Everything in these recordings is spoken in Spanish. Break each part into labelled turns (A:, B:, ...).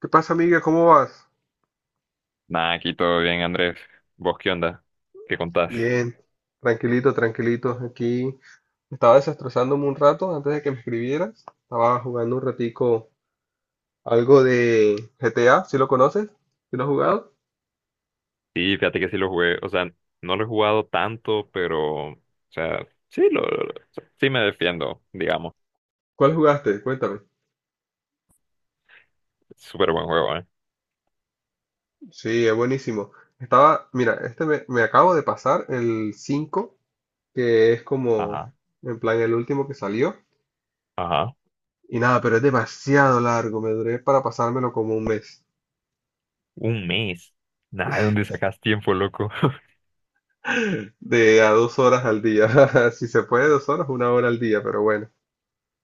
A: ¿Qué pasa, amiga? ¿Cómo vas?
B: Nada, aquí todo bien, Andrés. ¿Vos qué onda? ¿Qué contás?
A: Bien, tranquilito, tranquilito. Aquí estaba desestresándome un rato antes de que me escribieras. Estaba jugando un ratico algo de GTA, ¿si lo conoces? ¿Sí lo has jugado?
B: Sí, fíjate que sí lo jugué. O sea, no lo he jugado tanto, pero, o sea, sí, sí me defiendo, digamos.
A: ¿Cuál jugaste? Cuéntame.
B: Súper buen juego, ¿eh?
A: Sí, es buenísimo. Estaba, mira, me acabo de pasar el 5, que es como,
B: Ajá,
A: en plan, el último que salió.
B: ajá.
A: Y nada, pero es demasiado largo. Me duré para pasármelo como un mes.
B: Un mes. Nada, ¿de dónde sacas tiempo, loco?
A: De a 2 horas al día. Si se puede, 2 horas, 1 hora al día, pero bueno.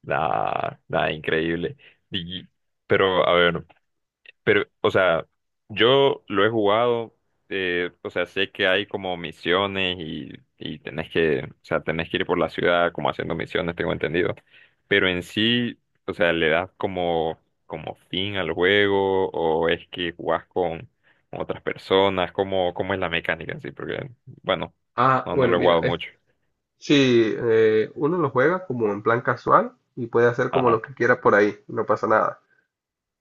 B: Nada, nada, increíble. Y- pero, a ver, o sea, yo lo he jugado, o sea, sé que hay como misiones y, tenés que, o sea, tenés que ir por la ciudad como haciendo misiones, tengo entendido. Pero en sí, o sea, ¿le das como, fin al juego o es que jugás con, otras personas? ¿¿Cómo es la mecánica en sí? Porque, bueno,
A: Ah,
B: no, no
A: bueno,
B: lo he
A: mira,
B: jugado mucho.
A: sí, uno lo juega como en plan casual y puede hacer como
B: Ajá,
A: lo que quiera por ahí, no pasa nada.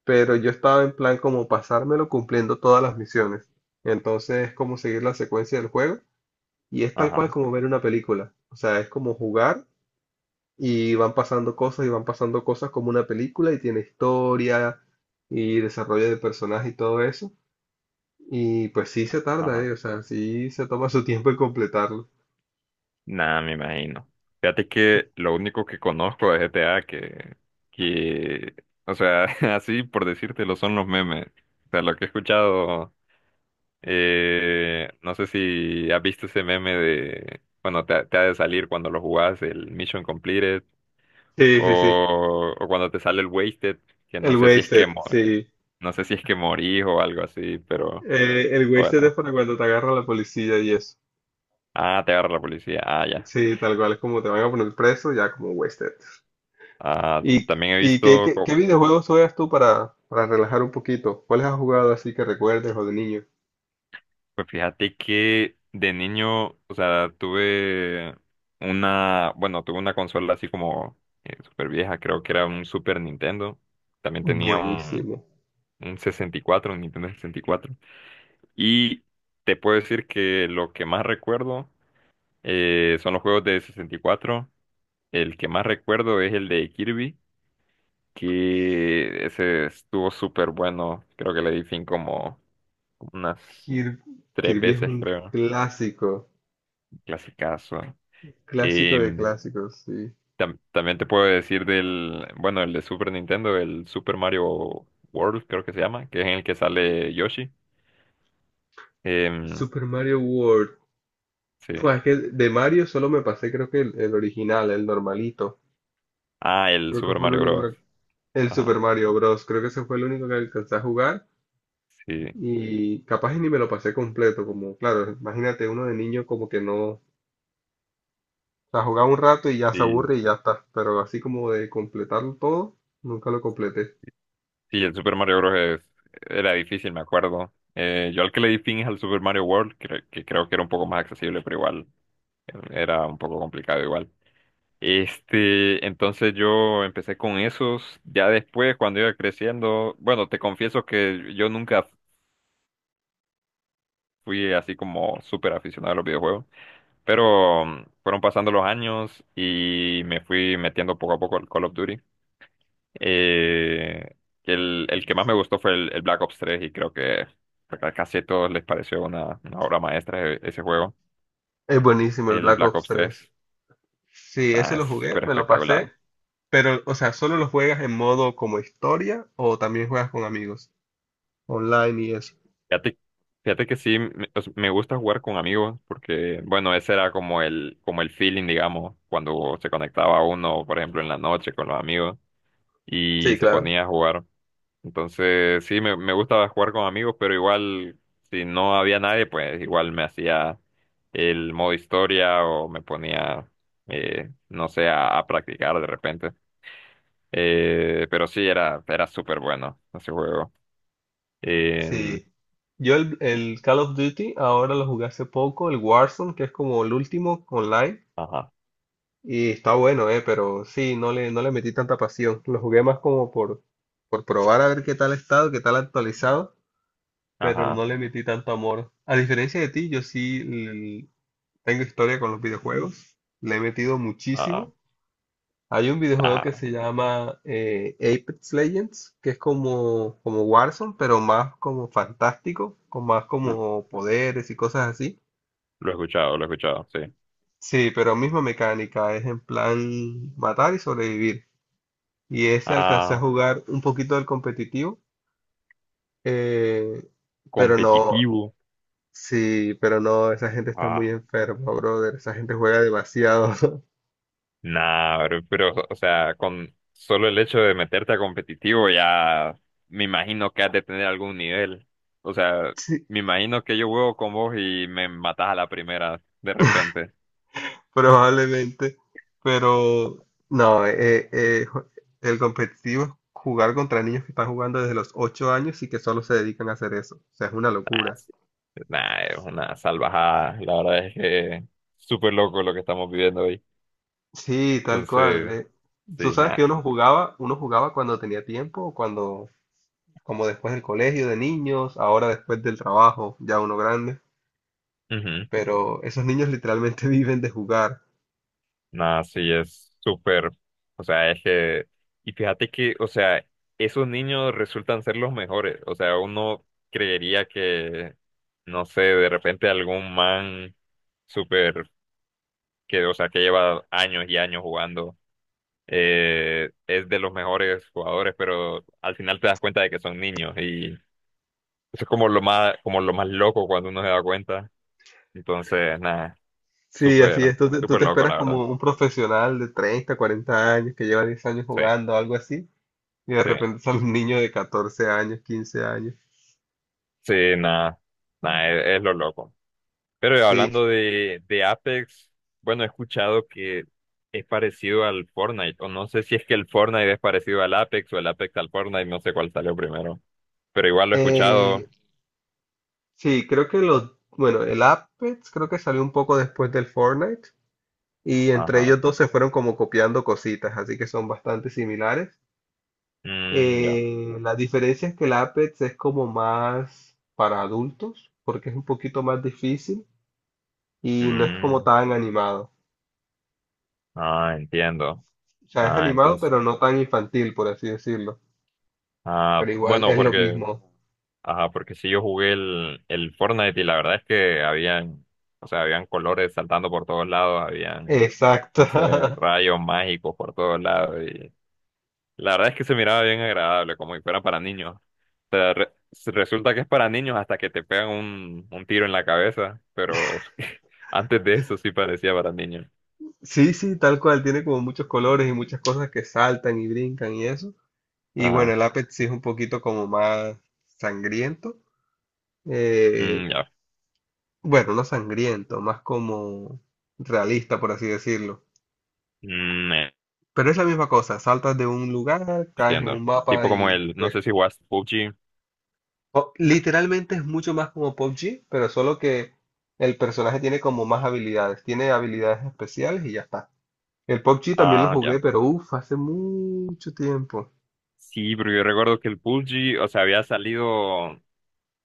A: Pero yo estaba en plan como pasármelo cumpliendo todas las misiones. Entonces es como seguir la secuencia del juego y es tal cual
B: ajá,
A: como ver una película. O sea, es como jugar y van pasando cosas y van pasando cosas como una película y tiene historia y desarrollo de personaje y todo eso. Y pues sí se tarda,
B: ajá.
A: o sea, sí se toma su tiempo en completarlo.
B: Nada, me imagino. Fíjate que lo único que conozco de GTA que, o sea, así por decírtelo son los memes. O sea, lo que he escuchado, no sé si has visto ese meme de, bueno, te ha de salir cuando lo jugás, el Mission Completed,
A: Sí, sí, sí.
B: o cuando te sale el Wasted, que no
A: El
B: sé si es que,
A: wasted,
B: mo-
A: sí.
B: no sé si es que morís o algo así, pero
A: El wasted es
B: bueno.
A: para cuando te agarra la policía y eso.
B: Ah, te agarra la policía. Ah, ya.
A: Sí, tal cual, es como te van a poner preso, ya como wasted.
B: Ah,
A: ¿Y,
B: también he
A: y qué,
B: visto.
A: qué, qué videojuegos juegas tú para relajar un poquito? ¿Cuáles has jugado así que recuerdes o de niño?
B: Pues fíjate que de niño, o sea, bueno, tuve una consola así como super vieja, creo que era un Super Nintendo. También tenía un,
A: Buenísimo.
B: un 64, un Nintendo sesenta y cuatro. Y te puedo decir que lo que más recuerdo son los juegos de 64. El que más recuerdo es el de Kirby, que ese estuvo súper bueno. Creo que le di fin como unas
A: Kir-
B: tres
A: Kirby es
B: veces,
A: un
B: creo.
A: clásico,
B: Clasicazo.
A: clásico de
B: Y
A: clásicos, sí.
B: también te puedo decir bueno, el de Super Nintendo, el Super Mario World, creo que se llama, que es en el que sale Yoshi. Em,
A: Super Mario World.
B: sí.
A: Fue es que de Mario solo me pasé, creo que el original, el normalito.
B: Ah, el
A: Creo que
B: Super
A: fue el
B: Mario
A: único
B: Bros.
A: que- El Super
B: Ajá.
A: Mario Bros. Creo que ese fue el único que alcancé a jugar.
B: Sí.
A: Y capaz y ni me lo pasé completo. Como, claro, imagínate uno de niño como que no. O sea, jugaba un rato y ya se
B: Sí,
A: aburre y ya está. Pero así como de completarlo todo, nunca lo completé.
B: sí, el Super Mario Bros. Era difícil, me acuerdo. Yo al que le di fin es al Super Mario World, que creo que era un poco más accesible, pero igual era un poco complicado igual. Este, entonces yo empecé con esos. Ya después, cuando iba creciendo, bueno, te confieso que yo nunca fui así como súper aficionado a los videojuegos, pero fueron pasando los años y me fui metiendo poco a poco al Call of Duty. Eh, el que más me gustó fue el Black Ops 3 y creo que a casi a todos les pareció una obra maestra ese juego,
A: Es buenísimo el
B: el
A: Black
B: Black
A: Ops
B: Ops tres.
A: 3. Sí, ese
B: Está
A: lo jugué,
B: súper
A: me lo pasé.
B: espectacular.
A: Pero, o sea, ¿solo lo juegas en modo como historia o también juegas con amigos? Online y eso.
B: Fíjate, fíjate, que sí, o sea, me gusta jugar con amigos porque, bueno, ese era como el feeling, digamos, cuando se conectaba uno, por ejemplo, en la noche con los amigos y
A: Sí,
B: se
A: claro.
B: ponía a jugar. Entonces, sí, me gustaba jugar con amigos, pero igual, si no había nadie, pues igual me hacía el modo historia o me ponía, no sé, a practicar de repente. Pero sí, era súper bueno ese juego. Eh,
A: Sí. Yo el Call of Duty ahora lo jugué hace poco, el Warzone, que es como el último online,
B: ajá,
A: y está bueno, pero sí, no le metí tanta pasión. Lo jugué más como por probar a ver qué tal ha estado, qué tal ha actualizado, pero
B: ajá,
A: no le metí tanto amor. A diferencia de ti, tengo historia con los videojuegos, le he metido
B: ajá.
A: muchísimo. Hay un videojuego que
B: Ajá.
A: se llama Apex Legends, que es como, como Warzone, pero más como fantástico, con más
B: Lo,
A: como poderes y cosas así.
B: lo he escuchado, lo he escuchado, sí.
A: Sí, pero misma mecánica, es en plan matar y sobrevivir. Y ese alcancé a
B: Ah,
A: jugar un poquito del competitivo, eh, pero no,
B: competitivo.
A: sí, pero no, esa gente está
B: Ah,
A: muy enferma, brother. Esa gente juega demasiado.
B: nada, bro, pero, o sea, con solo el hecho de meterte a competitivo ya me imagino que has de tener algún nivel. O sea, me imagino que yo juego con vos y me matás a la primera de repente.
A: Probablemente, pero no, el competitivo es jugar contra niños que están jugando desde los 8 años y que solo se dedican a hacer eso. O sea, es una
B: Nah,
A: locura.
B: sí. Nah, es una salvajada. La verdad es que súper loco lo que estamos viviendo hoy.
A: Sí, tal cual.
B: Entonces,
A: Tú
B: sí,
A: sabes que
B: nada.
A: uno jugaba cuando tenía tiempo, cuando, como después del colegio de niños, ahora después del trabajo, ya uno grande, pero esos niños literalmente viven de jugar.
B: Nada, sí, es súper, o sea, es que, y fíjate que, o sea, esos niños resultan ser los mejores, o sea, uno creería que, no sé, de repente algún man súper, o sea, que lleva años y años jugando, es de los mejores jugadores, pero al final te das cuenta de que son niños, y eso es como como lo más loco cuando uno se da cuenta, entonces, nada,
A: Sí, así
B: súper,
A: es. Tú te, tú
B: súper
A: te
B: loco,
A: esperas
B: la verdad,
A: como un profesional de 30, 40 años que lleva 10 años
B: sí,
A: jugando, algo así. Y de
B: sí.
A: repente sale un niño de 14 años, 15 años.
B: Sí, nada, nada, es lo loco. Pero
A: Sí,
B: hablando de Apex, bueno, he escuchado que es parecido al Fortnite, o no sé si es que el Fortnite es parecido al Apex o el Apex al Fortnite, no sé cuál salió primero, pero igual lo he escuchado.
A: eh, sí, creo que bueno, el Apex creo que salió un poco después del Fortnite y entre
B: Ajá,
A: ellos dos se fueron como copiando cositas, así que son bastante similares.
B: mm, ya,
A: La diferencia es que el Apex es como más para adultos, porque es un poquito más difícil y no es como
B: mm,
A: tan animado.
B: ah, entiendo.
A: O sea, es
B: Ah,
A: animado,
B: entonces,
A: pero no tan infantil, por así decirlo.
B: ah,
A: Pero igual
B: bueno,
A: es lo
B: porque
A: mismo.
B: ajá, porque si yo jugué el Fortnite y la verdad es que habían, habían colores saltando por todos lados, habían,
A: Exacto.
B: no sé, rayos mágicos por todos lados y la verdad es que se miraba bien agradable, como si fuera para niños. O sea, resulta que es para niños hasta que te pegan un tiro en la cabeza, pero antes de eso sí parecía para niños.
A: Sí, sí, tal cual, tiene como muchos colores y muchas cosas que saltan y brincan y eso. Y bueno,
B: Ajá,
A: el Apex sí es un poquito como más sangriento. eh,
B: mm, ya,
A: bueno, no sangriento, más como realista, por así decirlo.
B: mm,
A: Pero es la misma cosa, saltas de un lugar, caes en
B: entiendo.
A: un mapa
B: Tipo como
A: y
B: el, no
A: pues
B: sé si jugaste PUBG,
A: literalmente es mucho más como PUBG, pero solo que el personaje tiene como más habilidades, tiene habilidades especiales y ya está. El PUBG también lo
B: ah,
A: jugué,
B: ya.
A: pero uff, hace mucho tiempo.
B: Sí, pero yo recuerdo que el PUBG, o sea, había salido,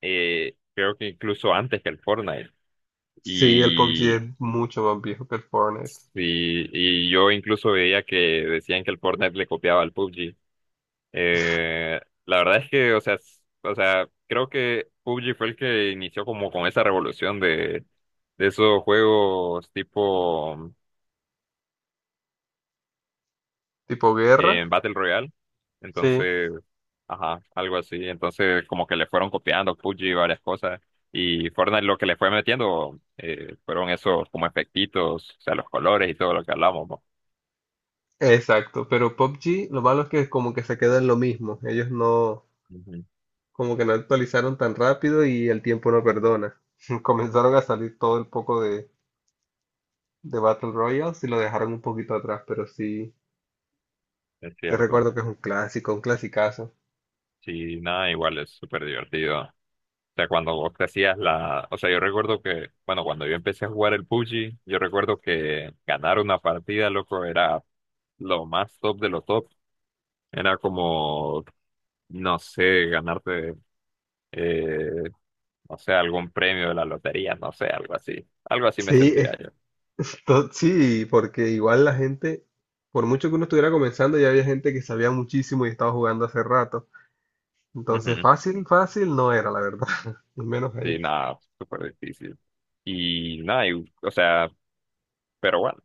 B: creo que incluso antes que el Fortnite.
A: Sí, el PUBG
B: Y,
A: es mucho más viejo que el Fortnite.
B: sí, y yo incluso veía que decían que el Fortnite le copiaba al PUBG. Eh, la verdad es que, o sea, o sea, creo que PUBG fue el que inició como con esa revolución de esos juegos tipo
A: Tipo guerra,
B: en Battle Royale.
A: sí,
B: Entonces, ajá, algo así. Entonces, como que le fueron copiando PUBG y varias cosas. Y Fortnite lo que le fue metiendo fueron esos como efectitos, o sea, los colores y todo lo que hablamos, ¿no?
A: exacto. Pero PUBG, lo malo es que como que se queda en lo mismo. Ellos no,
B: Ujú.
A: como que no actualizaron tan rápido y el tiempo no perdona. Comenzaron a salir todo el poco de, Battle Royales y lo dejaron un poquito atrás, pero sí,
B: Es
A: yo
B: cierto.
A: recuerdo que es un clásico, un clasicazo.
B: Sí, nada, igual es súper divertido. O sea, cuando vos te hacías la. O sea, yo recuerdo que, bueno, cuando yo empecé a jugar el PUBG, yo recuerdo que ganar una partida, loco, era lo más top de lo top. Era como no sé, ganarte. eh, no sé, algún premio de la lotería, no sé, algo así. Algo así me
A: Sí,
B: sentía
A: es
B: yo.
A: que sí, porque igual la gente, por mucho que uno estuviera comenzando, ya había gente que sabía muchísimo y estaba jugando hace rato. Entonces,
B: Ujú.
A: fácil, fácil no era, la verdad, al menos
B: Sí,
A: ahí.
B: nada, súper difícil. Y nada, o sea, pero bueno,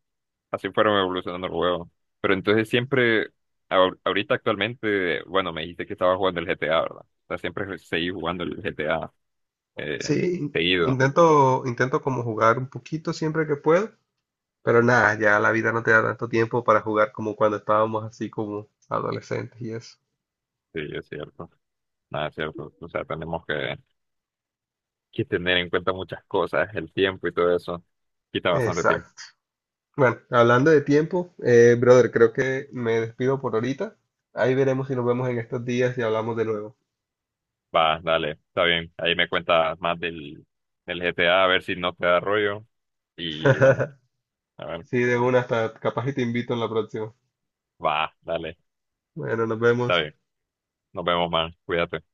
B: así fueron evolucionando el juego. Pero entonces siempre, ahorita actualmente, bueno, me dijiste que estaba jugando el GTA, ¿verdad? O sea, siempre seguí jugando el GTA eh,
A: Sí,
B: seguido.
A: intento como jugar un poquito siempre que puedo, pero nada, ya la vida no te da tanto tiempo para jugar como cuando estábamos así como adolescentes y eso.
B: Sí, es cierto. Nada, es cierto. O sea, tenemos que, tener en cuenta muchas cosas, el tiempo y todo eso. Quita bastante
A: Exacto.
B: tiempo.
A: Bueno, hablando de tiempo, brother, creo que me despido por ahorita. Ahí veremos si nos vemos en estos días y hablamos de nuevo.
B: Va, dale, está bien. Ahí me cuentas más del GTA, a ver si no te da rollo. Y bueno, a ver,
A: Sí, de una hasta capaz y te invito en la próxima.
B: va, dale,
A: Bueno, nos
B: está
A: vemos.
B: bien. Nos vemos, man. Cuídate.